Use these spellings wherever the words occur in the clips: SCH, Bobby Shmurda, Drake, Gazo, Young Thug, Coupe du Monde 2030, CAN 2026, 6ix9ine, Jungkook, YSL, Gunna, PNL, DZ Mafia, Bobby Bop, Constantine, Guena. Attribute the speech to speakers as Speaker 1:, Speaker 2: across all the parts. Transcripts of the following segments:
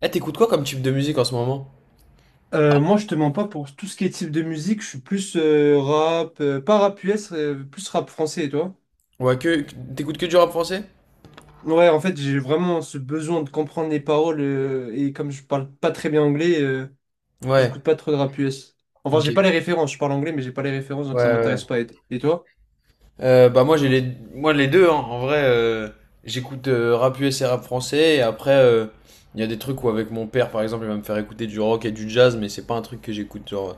Speaker 1: Eh, t'écoutes quoi comme type de musique en ce moment?
Speaker 2: Moi, je te mens pas pour tout ce qui est type de musique. Je suis plus rap, pas rap US, plus rap français, et toi?
Speaker 1: Ouais, que t'écoutes que du rap français?
Speaker 2: Ouais, en fait, j'ai vraiment ce besoin de comprendre les paroles et comme je parle pas très bien anglais,
Speaker 1: Ouais.
Speaker 2: j'écoute pas trop de rap US. Enfin,
Speaker 1: Ok.
Speaker 2: j'ai
Speaker 1: Ouais,
Speaker 2: pas les références. Je parle anglais, mais j'ai pas les références,
Speaker 1: ouais,
Speaker 2: donc ça
Speaker 1: ouais.
Speaker 2: m'intéresse pas. Et toi?
Speaker 1: Bah moi les deux hein. En vrai, j'écoute rap US et rap français et après il y a des trucs où avec mon père par exemple, il va me faire écouter du rock et du jazz, mais c'est pas un truc que j'écoute genre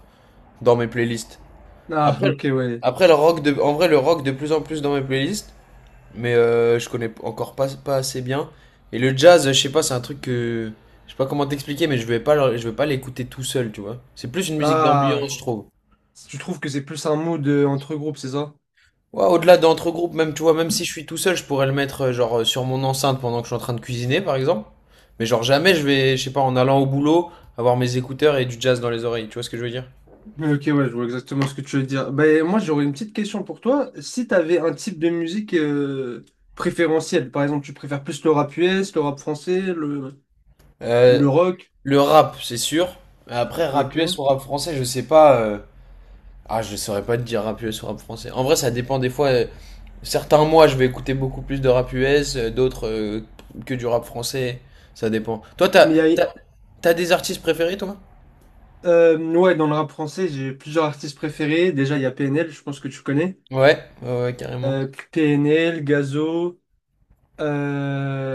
Speaker 1: dans mes playlists.
Speaker 2: Ah,
Speaker 1: Après
Speaker 2: ok, ouais.
Speaker 1: après le rock de en vrai le rock de plus en plus dans mes playlists, mais je connais encore pas assez bien. Et le jazz, je sais pas, c'est un truc que je sais pas comment t'expliquer, mais je vais pas l'écouter tout seul, tu vois. C'est plus une musique
Speaker 2: Ah,
Speaker 1: d'ambiance, je trouve.
Speaker 2: tu trouves que c'est plus un mood entre groupes, c'est ça?
Speaker 1: Ouais, au-delà d'entre groupes, même tu vois, même si je suis tout seul, je pourrais le mettre genre sur mon enceinte pendant que je suis en train de cuisiner, par exemple. Mais genre jamais je vais, je sais pas, en allant au boulot, avoir mes écouteurs et du jazz dans les oreilles. Tu vois ce que je veux dire?
Speaker 2: Ok, ouais, je vois exactement ce que tu veux dire. Ben, moi, j'aurais une petite question pour toi. Si tu avais un type de musique préférentiel, par exemple, tu préfères plus le rap US, le rap français,
Speaker 1: Euh,
Speaker 2: le rock.
Speaker 1: le rap, c'est sûr. Mais après, rap
Speaker 2: Ok.
Speaker 1: US ou rap français, je sais pas. Ah, je saurais pas te dire rap US ou rap français. En vrai, ça dépend des fois. Certains mois, je vais écouter beaucoup plus de rap US, d'autres que du rap français. Ça dépend. Toi, t'as,
Speaker 2: Mais il y
Speaker 1: t'as,
Speaker 2: a-
Speaker 1: t'as des artistes préférés, toi?
Speaker 2: ouais, dans le rap français, j'ai plusieurs artistes préférés. Déjà, il y a PNL, je pense que tu connais.
Speaker 1: Ouais, ouais, ouais, carrément.
Speaker 2: PNL, Gazo,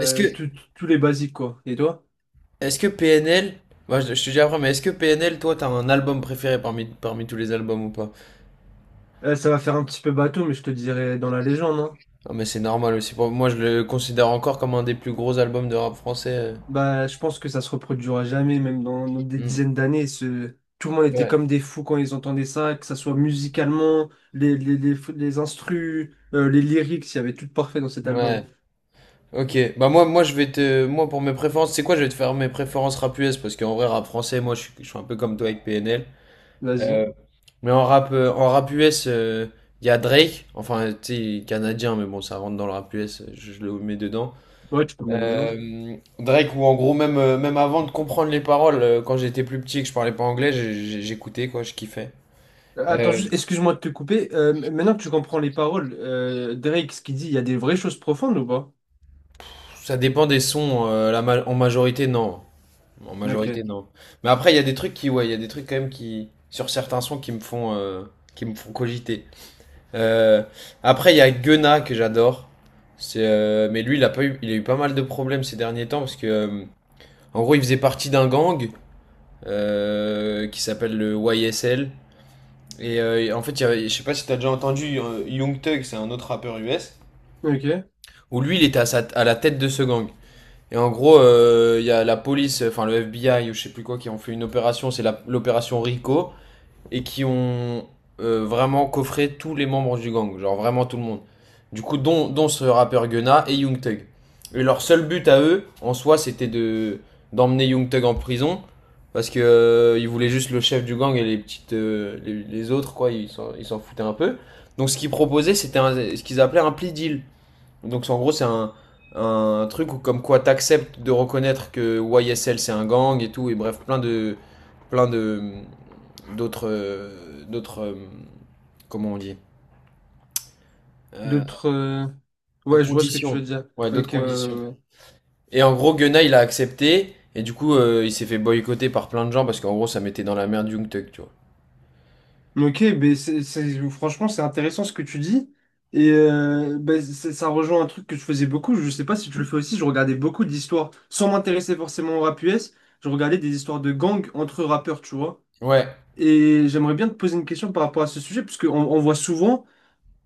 Speaker 1: Est-ce que,
Speaker 2: tous les basiques, quoi. Et toi?
Speaker 1: est-ce que PNL, bah, je te dis après, mais est-ce que PNL, toi, t'as un album préféré parmi tous les albums ou pas?
Speaker 2: Ça va faire un petit peu bateau, mais je te dirais dans la légende, hein.
Speaker 1: Non, mais c'est normal aussi. Pour moi, je le considère encore comme un des plus gros albums de rap français.
Speaker 2: Bah, je pense que ça se reproduira jamais, même dans des
Speaker 1: Mm.
Speaker 2: dizaines d'années. Tout le monde était
Speaker 1: Ouais,
Speaker 2: comme des fous quand ils entendaient ça, que ça soit musicalement, les instrus, les lyrics, il y avait tout de parfait dans cet album.
Speaker 1: ouais. Ok, bah moi moi pour mes préférences, c'est quoi? Je vais te faire mes préférences rap US parce qu'en vrai rap français, moi je suis un peu comme toi avec PNL.
Speaker 2: Vas-y.
Speaker 1: Mais en rap US, il y a Drake, enfin, tu sais, canadien, mais bon, ça rentre dans le rap US, je le mets dedans.
Speaker 2: Ouais, tu peux me mettre dedans.
Speaker 1: Drake, ou en gros, même, même avant de comprendre les paroles, quand j'étais plus petit et que je parlais pas anglais, j'écoutais, quoi, je kiffais.
Speaker 2: Attends,
Speaker 1: Euh,
Speaker 2: juste, excuse-moi de te couper. Maintenant que tu comprends les paroles, Drake, ce qu'il dit, il y a des vraies choses profondes ou pas?
Speaker 1: ça dépend des sons, en majorité, non. En majorité,
Speaker 2: Ok.
Speaker 1: non. Mais après, il y a des trucs qui, ouais, il y a des trucs quand même qui, sur certains sons, qui me font cogiter. Euh, après, il y a Guena que j'adore. Mais lui, il a eu pas mal de problèmes ces derniers temps parce que, en gros, il faisait partie d'un gang qui s'appelle le YSL. Et en fait, je sais pas si t'as déjà entendu Young Thug, c'est un autre rappeur US,
Speaker 2: Ok.
Speaker 1: où lui, il était à la tête de ce gang. Et en gros, il y a la police, enfin le FBI ou je sais plus quoi, qui ont fait une opération, c'est l'opération Rico. Et qui ont vraiment coffré tous les membres du gang, genre vraiment tout le monde. Du coup, dont ce rappeur Gunna et Young Thug. Et leur seul but à eux, en soi, c'était de d'emmener Young Thug en prison parce que ils voulaient juste le chef du gang et les autres quoi, ils s'en foutaient un peu. Donc ce qu'ils proposaient, c'était ce qu'ils appelaient un plea deal. Donc en gros, c'est un truc où comme quoi t'acceptes de reconnaître que YSL c'est un gang et tout, et bref, plein de d'autres comment on dit, Euh,
Speaker 2: D'autres. Ouais, je vois ce que tu veux
Speaker 1: conditions.
Speaker 2: dire.
Speaker 1: Ouais, d'autres
Speaker 2: Ok, ouais, ouais,
Speaker 1: conditions.
Speaker 2: ouais.
Speaker 1: Et en gros, Gunna il a accepté et du coup il s'est fait boycotter par plein de gens parce qu'en gros ça mettait dans la merde Jungkook, tu vois.
Speaker 2: Ok, ben franchement, c'est intéressant ce que tu dis. Et ben, ça rejoint un truc que je faisais beaucoup. Je sais pas si tu le fais aussi. Je regardais beaucoup d'histoires, sans m'intéresser forcément au rap US. Je regardais des histoires de gangs entre rappeurs, tu vois.
Speaker 1: Ouais,
Speaker 2: Et j'aimerais bien te poser une question par rapport à ce sujet, parce qu'on on voit souvent.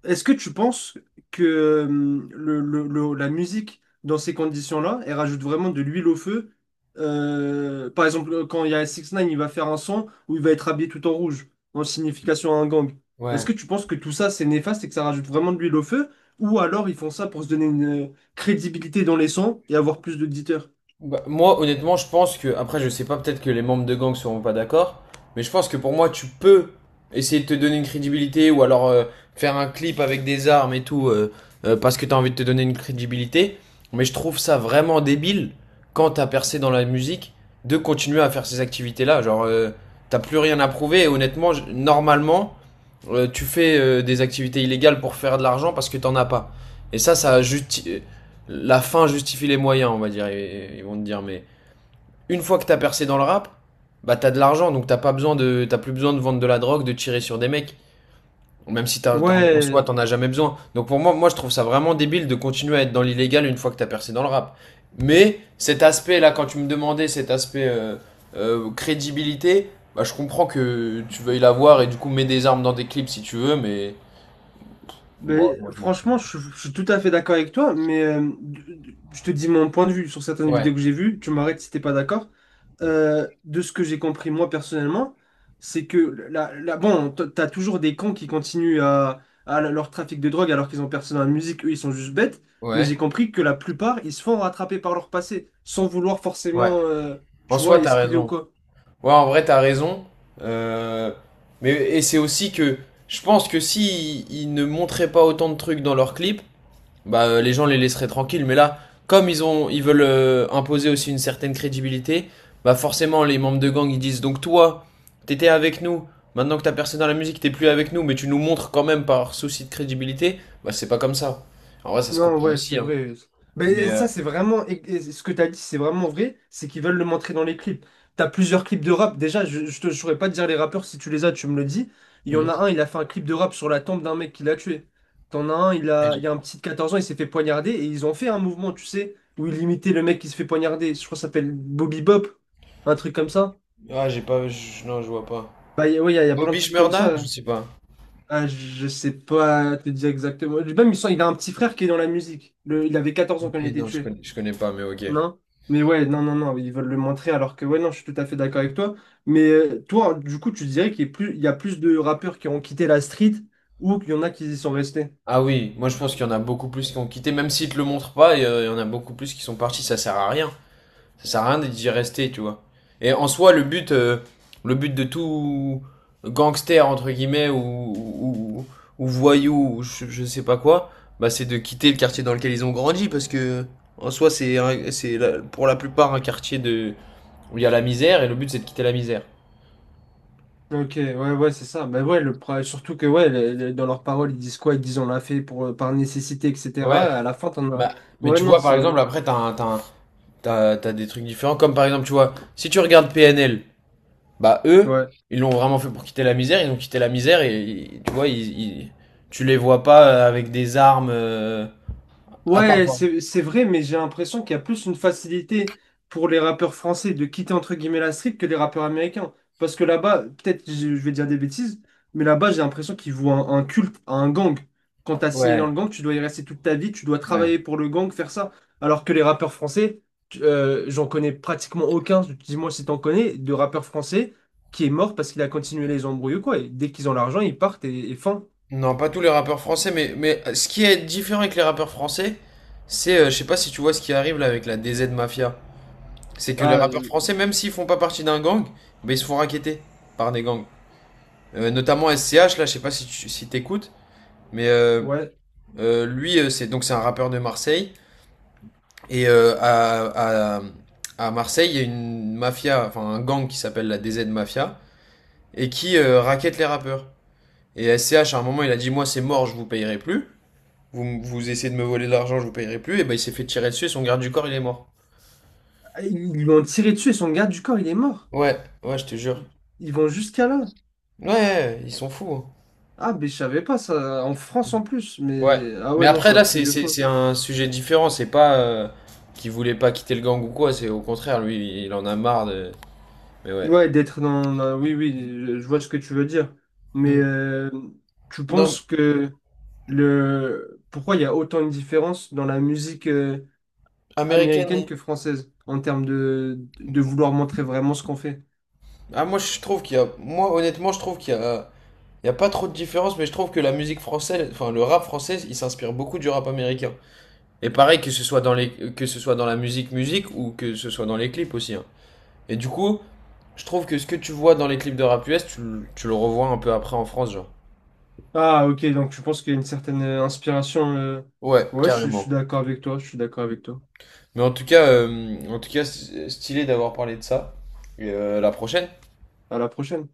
Speaker 2: Est-ce que tu penses que la musique, dans ces conditions-là, elle rajoute vraiment de l'huile au feu? Par exemple, quand il y a 6 ix 9 il va faire un son où il va être habillé tout en rouge, en signification à un gang. Est-ce
Speaker 1: ouais.
Speaker 2: que tu penses que tout ça, c'est néfaste et que ça rajoute vraiment de l'huile au feu? Ou alors ils font ça pour se donner une crédibilité dans les sons et avoir plus d'auditeurs?
Speaker 1: Bah, moi, honnêtement, je pense que, après, je sais pas, peut-être que les membres de gang seront pas d'accord, mais je pense que pour moi, tu peux essayer de te donner une crédibilité ou alors faire un clip avec des armes et tout parce que t'as envie de te donner une crédibilité. Mais je trouve ça vraiment débile quand t'as percé dans la musique de continuer à faire ces activités-là. Genre, t'as plus rien à prouver et honnêtement, normalement, tu fais des activités illégales pour faire de l'argent parce que t'en as pas. Et ça, la fin justifie les moyens, on va dire, ils, vont te dire. Mais une fois que t'as percé dans le rap, bah t'as de l'argent, donc t'as pas besoin de, t'as plus besoin de vendre de la drogue, de tirer sur des mecs. Même si en soi
Speaker 2: Ouais,
Speaker 1: t'en as jamais besoin. Donc pour moi, moi je trouve ça vraiment débile de continuer à être dans l'illégal une fois que t'as percé dans le rap. Mais cet aspect là, quand tu me demandais cet aspect crédibilité, bah je comprends que tu veuilles l'avoir et du coup mets des armes dans des clips si tu veux, mais bon,
Speaker 2: ben,
Speaker 1: moi je m'en fous.
Speaker 2: franchement, je suis tout à fait d'accord avec toi, mais je te dis mon point de vue sur certaines
Speaker 1: Ouais,
Speaker 2: vidéos que j'ai vues, tu m'arrêtes si t'es pas d'accord. De ce que j'ai compris moi personnellement, c'est que bon, t'as toujours des cons qui continuent à leur trafic de drogue alors qu'ils ont personne dans la musique, eux ils sont juste bêtes, mais
Speaker 1: ouais,
Speaker 2: j'ai compris que la plupart ils se font rattraper par leur passé sans vouloir
Speaker 1: ouais.
Speaker 2: forcément,
Speaker 1: En
Speaker 2: tu vois,
Speaker 1: soi t'as
Speaker 2: esquiver ou
Speaker 1: raison.
Speaker 2: quoi.
Speaker 1: Ouais, en vrai, t'as raison. Euh, mais et c'est aussi que je pense que si ils ne montraient pas autant de trucs dans leurs clips, bah les gens les laisseraient tranquilles. Mais là, comme ils veulent imposer aussi une certaine crédibilité, bah forcément les membres de gang ils disent donc toi, t'étais avec nous. Maintenant que t'as percé dans la musique, t'es plus avec nous, mais tu nous montres quand même par souci de crédibilité. Bah c'est pas comme ça. En vrai, ça se
Speaker 2: Non,
Speaker 1: comprend
Speaker 2: ouais, c'est
Speaker 1: aussi, hein.
Speaker 2: vrai.
Speaker 1: Mais
Speaker 2: Mais
Speaker 1: euh,
Speaker 2: ça, c'est vraiment. Et ce que t'as dit, c'est vraiment vrai. C'est qu'ils veulent le montrer dans les clips. T'as plusieurs clips de rap. Déjà, je saurais pas te dire les rappeurs. Si tu les as, tu me le dis. Il y
Speaker 1: hmm.
Speaker 2: en a un, il a fait un clip de rap sur la tombe d'un mec qui l'a tué. T'en as un, il y a un petit de 14 ans, il s'est fait poignarder. Et ils ont fait un mouvement, tu sais, où ils imitaient le mec qui se fait poignarder. Je crois que ça s'appelle Bobby Bop. Un truc comme ça.
Speaker 1: Ah, j'ai pas, non, je vois pas.
Speaker 2: Bah, ouais, y a plein de
Speaker 1: Bobby
Speaker 2: trucs comme
Speaker 1: Shmurda? Je
Speaker 2: ça.
Speaker 1: sais pas.
Speaker 2: Ah, je sais pas te dire exactement. Même, il a un petit frère qui est dans la musique. Il avait 14 ans quand
Speaker 1: Ok,
Speaker 2: il a été
Speaker 1: non,
Speaker 2: tué.
Speaker 1: je connais pas, mais ok.
Speaker 2: Non? Mais ouais, non, ils veulent le montrer alors que ouais, non, je suis tout à fait d'accord avec toi. Mais toi, du coup, tu dirais qu'il y a plus, il y a plus de rappeurs qui ont quitté la street ou qu'il y en a qui y sont restés.
Speaker 1: Ah oui, moi je pense qu'il y en a beaucoup plus qui ont quitté, même s'ils te le montrent pas, il y en a beaucoup plus qui sont partis, ça sert à rien. Ça sert à rien d'y rester, tu vois. Et en soi, le but de tout gangster, entre guillemets, ou, ou voyou, ou je sais pas quoi, bah c'est de quitter le quartier dans lequel ils ont grandi, parce que en soi, c'est un- c'est la- pour la plupart un quartier où il y a la misère, et le but c'est de quitter la misère.
Speaker 2: Ok, ouais, ouais, c'est ça. Mais ouais, surtout que ouais, dans leurs paroles, ils disent quoi? Ils disent on l'a fait pour, par nécessité, etc.
Speaker 1: Ouais.
Speaker 2: À la fin, t'en as.
Speaker 1: Bah, mais
Speaker 2: Ouais,
Speaker 1: tu
Speaker 2: non,
Speaker 1: vois, par
Speaker 2: c'est.
Speaker 1: exemple, après, t'as des trucs différents. Comme par exemple, tu vois, si tu regardes PNL, bah eux,
Speaker 2: Ouais.
Speaker 1: ils l'ont vraiment fait pour quitter la misère. Ils ont quitté la misère et tu vois, tu les vois pas avec des armes à part.
Speaker 2: Ouais, c'est vrai, mais j'ai l'impression qu'il y a plus une facilité pour les rappeurs français de quitter entre guillemets la street que les rappeurs américains. Parce que là-bas, peut-être je vais dire des bêtises, mais là-bas j'ai l'impression qu'ils vouent un culte à un gang. Quand t'as signé dans le
Speaker 1: Ouais,
Speaker 2: gang, tu dois y rester toute ta vie, tu dois
Speaker 1: ouais.
Speaker 2: travailler pour le gang, faire ça. Alors que les rappeurs français, j'en connais pratiquement aucun, dis-moi si t'en connais, de rappeurs français qui est mort parce qu'il a continué les embrouilles ou quoi. Et dès qu'ils ont l'argent, ils partent et fin.
Speaker 1: Non, pas tous les rappeurs français, mais ce qui est différent avec les rappeurs français, je sais pas si tu vois ce qui arrive là avec la DZ Mafia. C'est que les
Speaker 2: Ah
Speaker 1: rappeurs
Speaker 2: euh,
Speaker 1: français, même s'ils font pas partie d'un gang, bah, ils se font racketter par des gangs. Notamment SCH, là, je sais pas si t'écoutes. Mais
Speaker 2: ouais.
Speaker 1: lui, c'est un rappeur de Marseille. Et à Marseille, il y a une mafia, enfin un gang qui s'appelle la DZ Mafia, et qui raquette les rappeurs. Et S C H à un moment, il a dit, moi c'est mort, je vous payerai plus. Vous, vous essayez de me voler de l'argent, je vous payerai plus. Et ben il s'est fait tirer dessus, et son garde du corps, il est mort.
Speaker 2: Ah, ils lui ont tiré dessus et son garde du corps, il est mort.
Speaker 1: Ouais, ouais, je te jure.
Speaker 2: Ils vont jusqu'à là.
Speaker 1: Ouais, ouais, ouais, ils sont fous, hein.
Speaker 2: Ah, mais je savais pas ça. En France en plus.
Speaker 1: Ouais.
Speaker 2: Mais ah
Speaker 1: Mais
Speaker 2: ouais, non,
Speaker 1: après,
Speaker 2: c'est un
Speaker 1: là,
Speaker 2: truc de fond.
Speaker 1: c'est un sujet différent. C'est pas qu'il voulait pas quitter le gang ou quoi. C'est au contraire, lui, il en a marre de… Mais ouais.
Speaker 2: Ouais, oui, oui, je vois ce que tu veux dire. Mais tu
Speaker 1: Non,
Speaker 2: penses que le. pourquoi il y a autant une différence dans la musique
Speaker 1: américaine.
Speaker 2: américaine que française en termes de vouloir montrer vraiment ce qu'on fait?
Speaker 1: Ah, moi, je trouve qu'il y a. Moi, honnêtement, je trouve qu'il y a. Il y a pas trop de différence, mais je trouve que la musique française, enfin le rap français, il s'inspire beaucoup du rap américain. Et pareil, que ce soit que ce soit dans la musique musique ou que ce soit dans les clips aussi, hein. Et du coup, je trouve que ce que tu vois dans les clips de rap US, tu le revois un peu après en France, genre.
Speaker 2: Ah, ok, donc tu penses qu'il y a une certaine inspiration.
Speaker 1: Ouais,
Speaker 2: Ouais, je suis
Speaker 1: carrément.
Speaker 2: d'accord avec toi. Je suis d'accord avec toi.
Speaker 1: Mais en tout cas, stylé d'avoir parlé de ça. Et la prochaine.
Speaker 2: À la prochaine.